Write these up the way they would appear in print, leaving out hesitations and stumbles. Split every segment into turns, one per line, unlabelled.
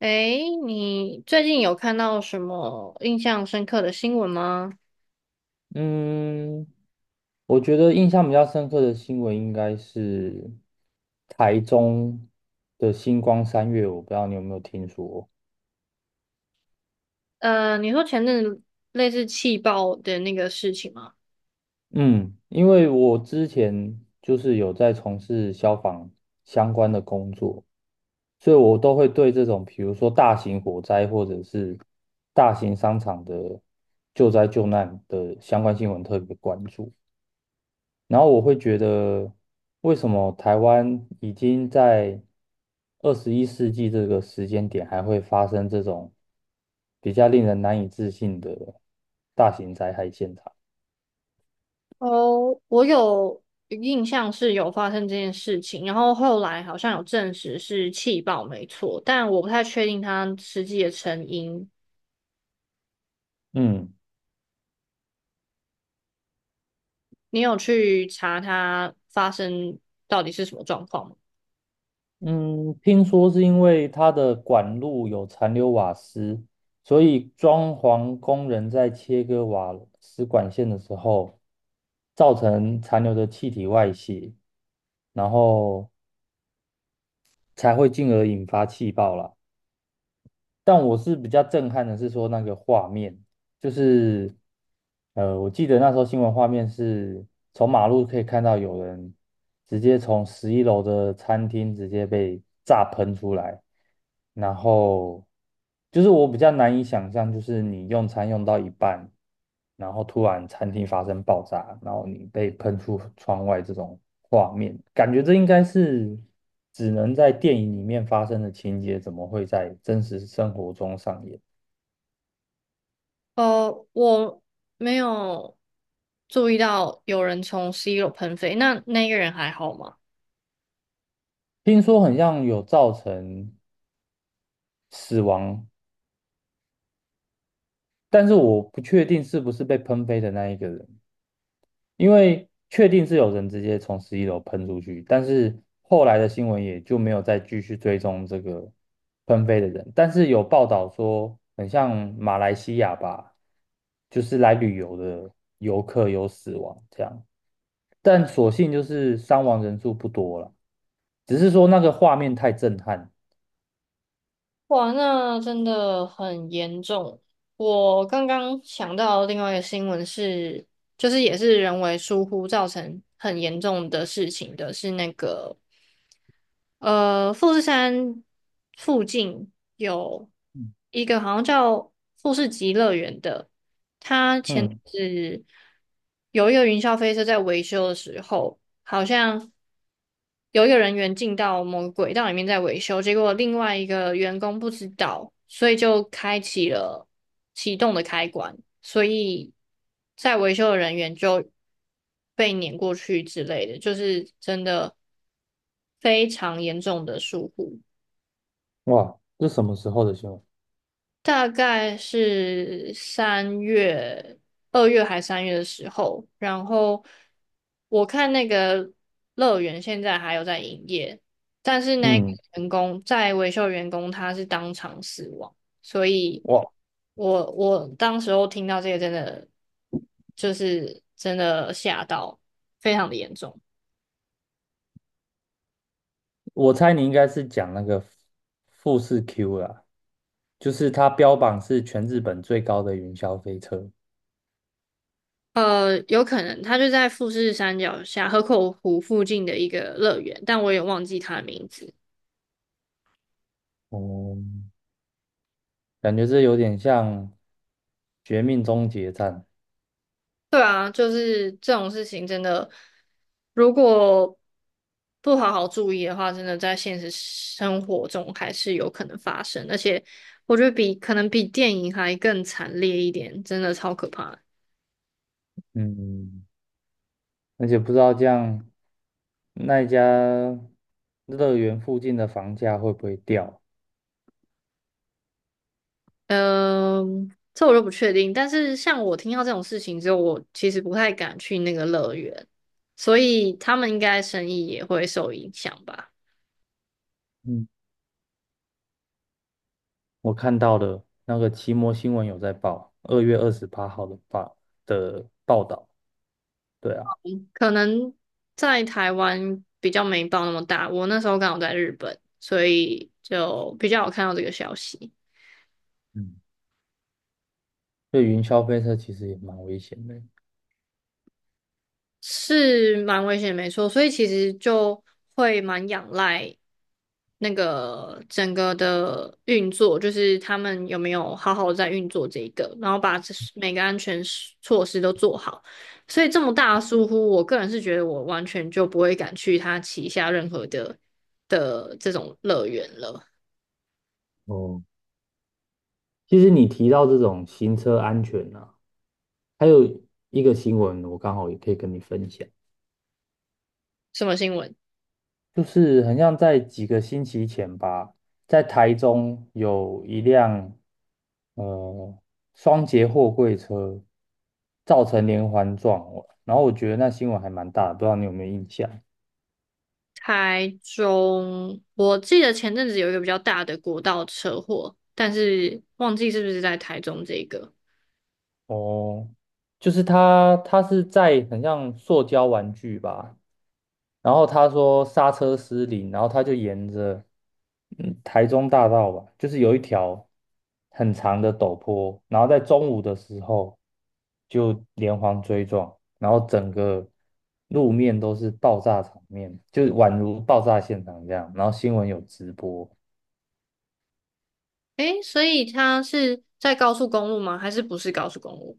诶，你最近有看到什么印象深刻的新闻吗？
嗯，我觉得印象比较深刻的新闻应该是台中的星光三月，我不知道你有没有听说。
你说前阵子类似气爆的那个事情吗？
嗯，因为我之前有在从事消防相关的工作，所以我都会对这种比如说大型火灾或者是大型商场的救灾救难的相关新闻特别关注。然后我会觉得，为什么台湾已经在21世纪这个时间点还会发生这种比较令人难以置信的大型灾害现场？
哦，我有印象是有发生这件事情，然后后来好像有证实是气爆没错，但我不太确定它实际的成因。
嗯
你有去查它发生到底是什么状况吗？
嗯，听说是因为它的管路有残留瓦斯，所以装潢工人在切割瓦斯管线的时候，造成残留的气体外泄，然后才会进而引发气爆啦。但我是比较震撼的是说那个画面，就是我记得那时候新闻画面是从马路可以看到有人直接从十一楼的餐厅直接被炸喷出来，然后我比较难以想象，就是你用餐用到一半，然后突然餐厅发生爆炸，然后你被喷出窗外这种画面，感觉这应该是只能在电影里面发生的情节，怎么会在真实生活中上演？
我没有注意到有人从 C 楼喷飞，那那个人还好吗？
听说很像有造成死亡，但是我不确定是不是被喷飞的那一个人，因为确定是有人直接从十一楼喷出去，但是后来的新闻也就没有再继续追踪这个喷飞的人，但是有报道说很像马来西亚吧，就是来旅游的游客有死亡这样，但所幸就是伤亡人数不多了，只是说那个画面太震撼。
哇，那真的很严重。我刚刚想到另外一个新闻是，就是也是人为疏忽造成很严重的事情的，是那个富士山附近有一个好像叫富士急乐园的。
嗯，
是有一个云霄飞车在维修的时候，好像有一个人员进到某个轨道里面在维修，结果另外一个员工不知道，所以就开启了启动的开关，所以在维修的人员就被碾过去之类的，就是真的非常严重的疏忽。
哇，这什么时候的新闻？
大概是三月、二月还三月的时候，然后我看那个乐园现在还有在营业，但是那个
嗯，
员工在维修员工他是当场死亡，所以
我
我当时候听到这个真的就是真的吓到，非常的严重。
我猜你应该是讲那个富士 Q 啦，就是它标榜是全日本最高的云霄飞车。
呃，有可能他就在富士山脚下河口湖附近的一个乐园，但我也忘记他的名字。
哦、感觉这有点像《绝命终结站》。
对啊，就是这种事情真的，如果不好好注意的话，真的在现实生活中还是有可能发生，而且我觉得比可能比电影还更惨烈一点，真的超可怕的。
嗯，而且不知道这样那一家乐园附近的房价会不会掉？
嗯、这我就不确定，但是像我听到这种事情之后，我其实不太敢去那个乐园，所以他们应该生意也会受影响吧。
嗯，我看到了那个奇摩新闻有在报，2月28号的报道。对啊，
可能在台湾比较没报那么大，我那时候刚好在日本，所以就比较有看到这个消息，
嗯，对云霄飞车其实也蛮危险的。
是蛮危险，没错。所以其实就会蛮仰赖那个整个的运作，就是他们有没有好好在运作这一个，然后把这每个安全措施都做好。所以这么大的疏忽，我个人是觉得我完全就不会敢去他旗下任何的这种乐园了。
哦，其实你提到这种行车安全呢、啊还有一个新闻，我刚好也可以跟你分享，
什么新闻？
就是很像在几个星期前吧，在台中有一辆呃双节货柜车造成连环撞，然后我觉得那新闻还蛮大的，不知道你有没有印象？
台中，我记得前阵子有一个比较大的国道车祸，但是忘记是不是在台中这个。
哦，它是在很像塑胶玩具吧。然后他说刹车失灵，然后他就沿着台中大道吧，就是有一条很长的陡坡，然后在中午的时候就连环追撞，然后整个路面都是爆炸场面，就宛如爆炸现场这样。然后新闻有直播，
诶，所以他是在高速公路吗？还是不是高速公路？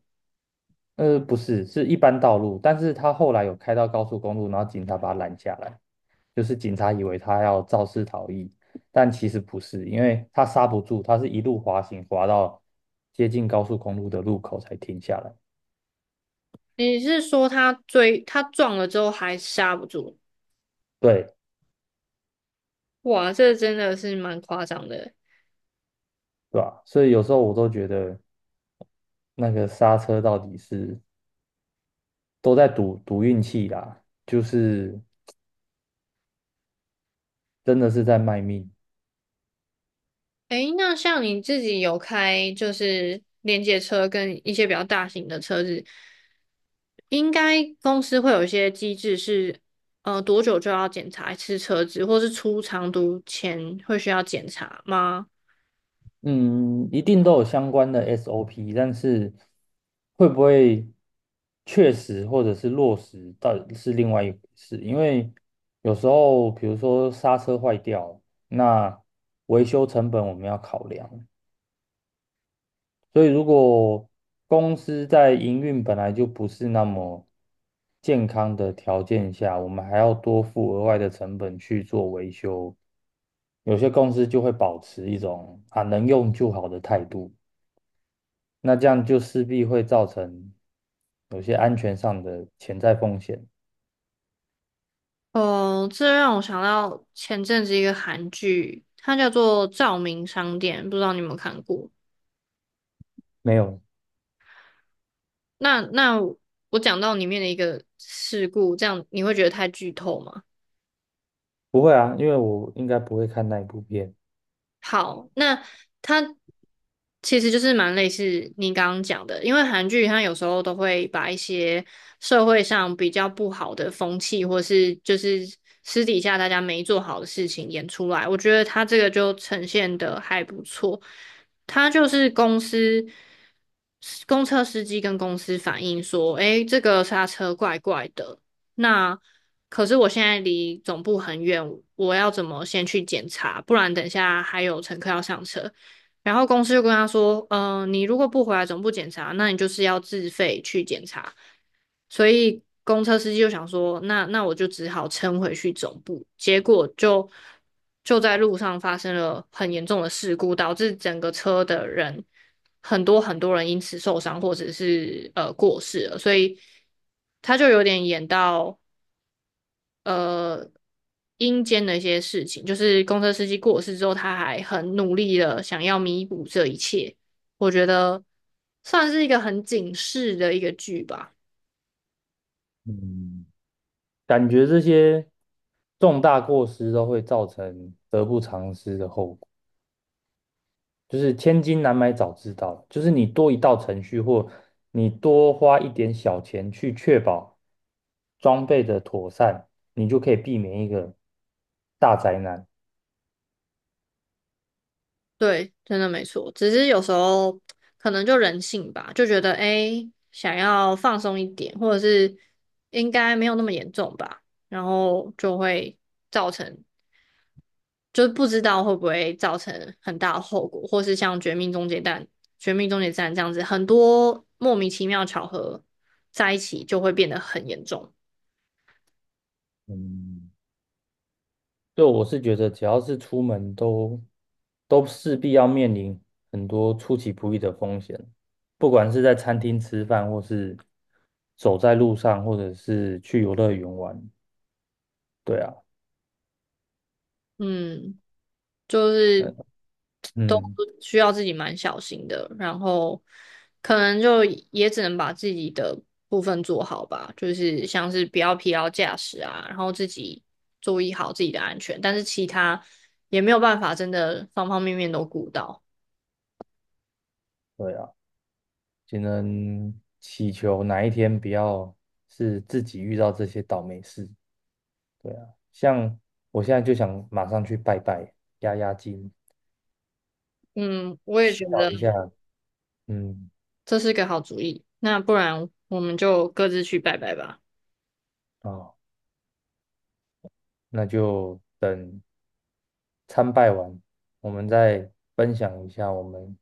呃，不是，是一般道路，但是他后来有开到高速公路，然后警察把他拦下来。就是警察以为他要肇事逃逸，但其实不是，因为他刹不住，他是一路滑行滑到接近高速公路的路口才停下来，
你是说他追，他撞了之后还刹不住？
对，
哇，这真的是蛮夸张的。
是吧？所以有时候我都觉得那个刹车到底是都在赌运气啦，就是真的是在卖命。
诶，那像你自己有开就是连接车跟一些比较大型的车子，应该公司会有一些机制是，多久就要检查一次车子，或是出长途前会需要检查吗？
嗯，一定都有相关的 SOP，但是会不会确实或者是落实，到底是另外一回事。因为有时候，比如说刹车坏掉，那维修成本我们要考量。所以，如果公司在营运本来就不是那么健康的条件下，我们还要多付额外的成本去做维修，有些公司就会保持一种啊能用就好的态度。那这样就势必会造成有些安全上的潜在风险。
哦，这让我想到前阵子一个韩剧，它叫做《照明商店》，不知道你有没有看过？
没有，
那我讲到里面的一个事故，这样你会觉得太剧透吗？
不会啊，因为我应该不会看那一部片。
好，那它其实就是蛮类似你刚刚讲的，因为韩剧它有时候都会把一些社会上比较不好的风气，或是就是私底下大家没做好的事情演出来，我觉得它这个就呈现的还不错。他就是公车司机跟公司反映说，诶，这个刹车怪怪的。那可是我现在离总部很远，我要怎么先去检查？不然等一下还有乘客要上车。然后公司就跟他说，嗯、你如果不回来总部检查，那你就是要自费去检查。所以公车司机就想说，那我就只好撑回去总部。结果就在路上发生了很严重的事故，导致整个车的人很多很多人因此受伤或者是过世了。所以他就有点演到呃阴间的一些事情，就是公车司机过世之后，他还很努力的想要弥补这一切。我觉得算是一个很警示的一个剧吧。
嗯，感觉这些重大过失都会造成得不偿失的后果，就是千金难买早知道，就是你多一道程序或你多花一点小钱去确保装备的妥善，你就可以避免一个大灾难。
对，真的没错。只是有时候可能就人性吧，就觉得想要放松一点，或者是应该没有那么严重吧，然后就会造成就是不知道会不会造成很大的后果，或是像《绝命终结战》这样子，很多莫名其妙巧合在一起就会变得很严重。
嗯。对，我是觉得只要是出门都势必要面临很多出其不意的风险，不管是在餐厅吃饭，或是走在路上，或者是去游乐园玩。对啊，
嗯，就是
嗯
都
嗯，
需要自己蛮小心的，然后可能就也只能把自己的部分做好吧，就是像是不要疲劳驾驶啊，然后自己注意好自己的安全，但是其他也没有办法真的方方面面都顾到。
对啊，只能祈求哪一天不要是自己遇到这些倒霉事。对啊，像我现在就想马上去拜拜，压压惊，
嗯，我也
祈
觉
祷
得。
一下。嗯，
这是个好主意。那不然我们就各自去拜拜吧。
哦，那就等。参拜完，我们再分享一下我们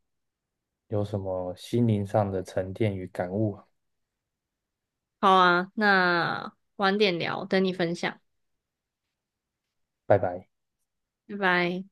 有什么心灵上的沉淀与感悟啊。
好啊，那晚点聊，等你分享，
拜拜。
拜拜。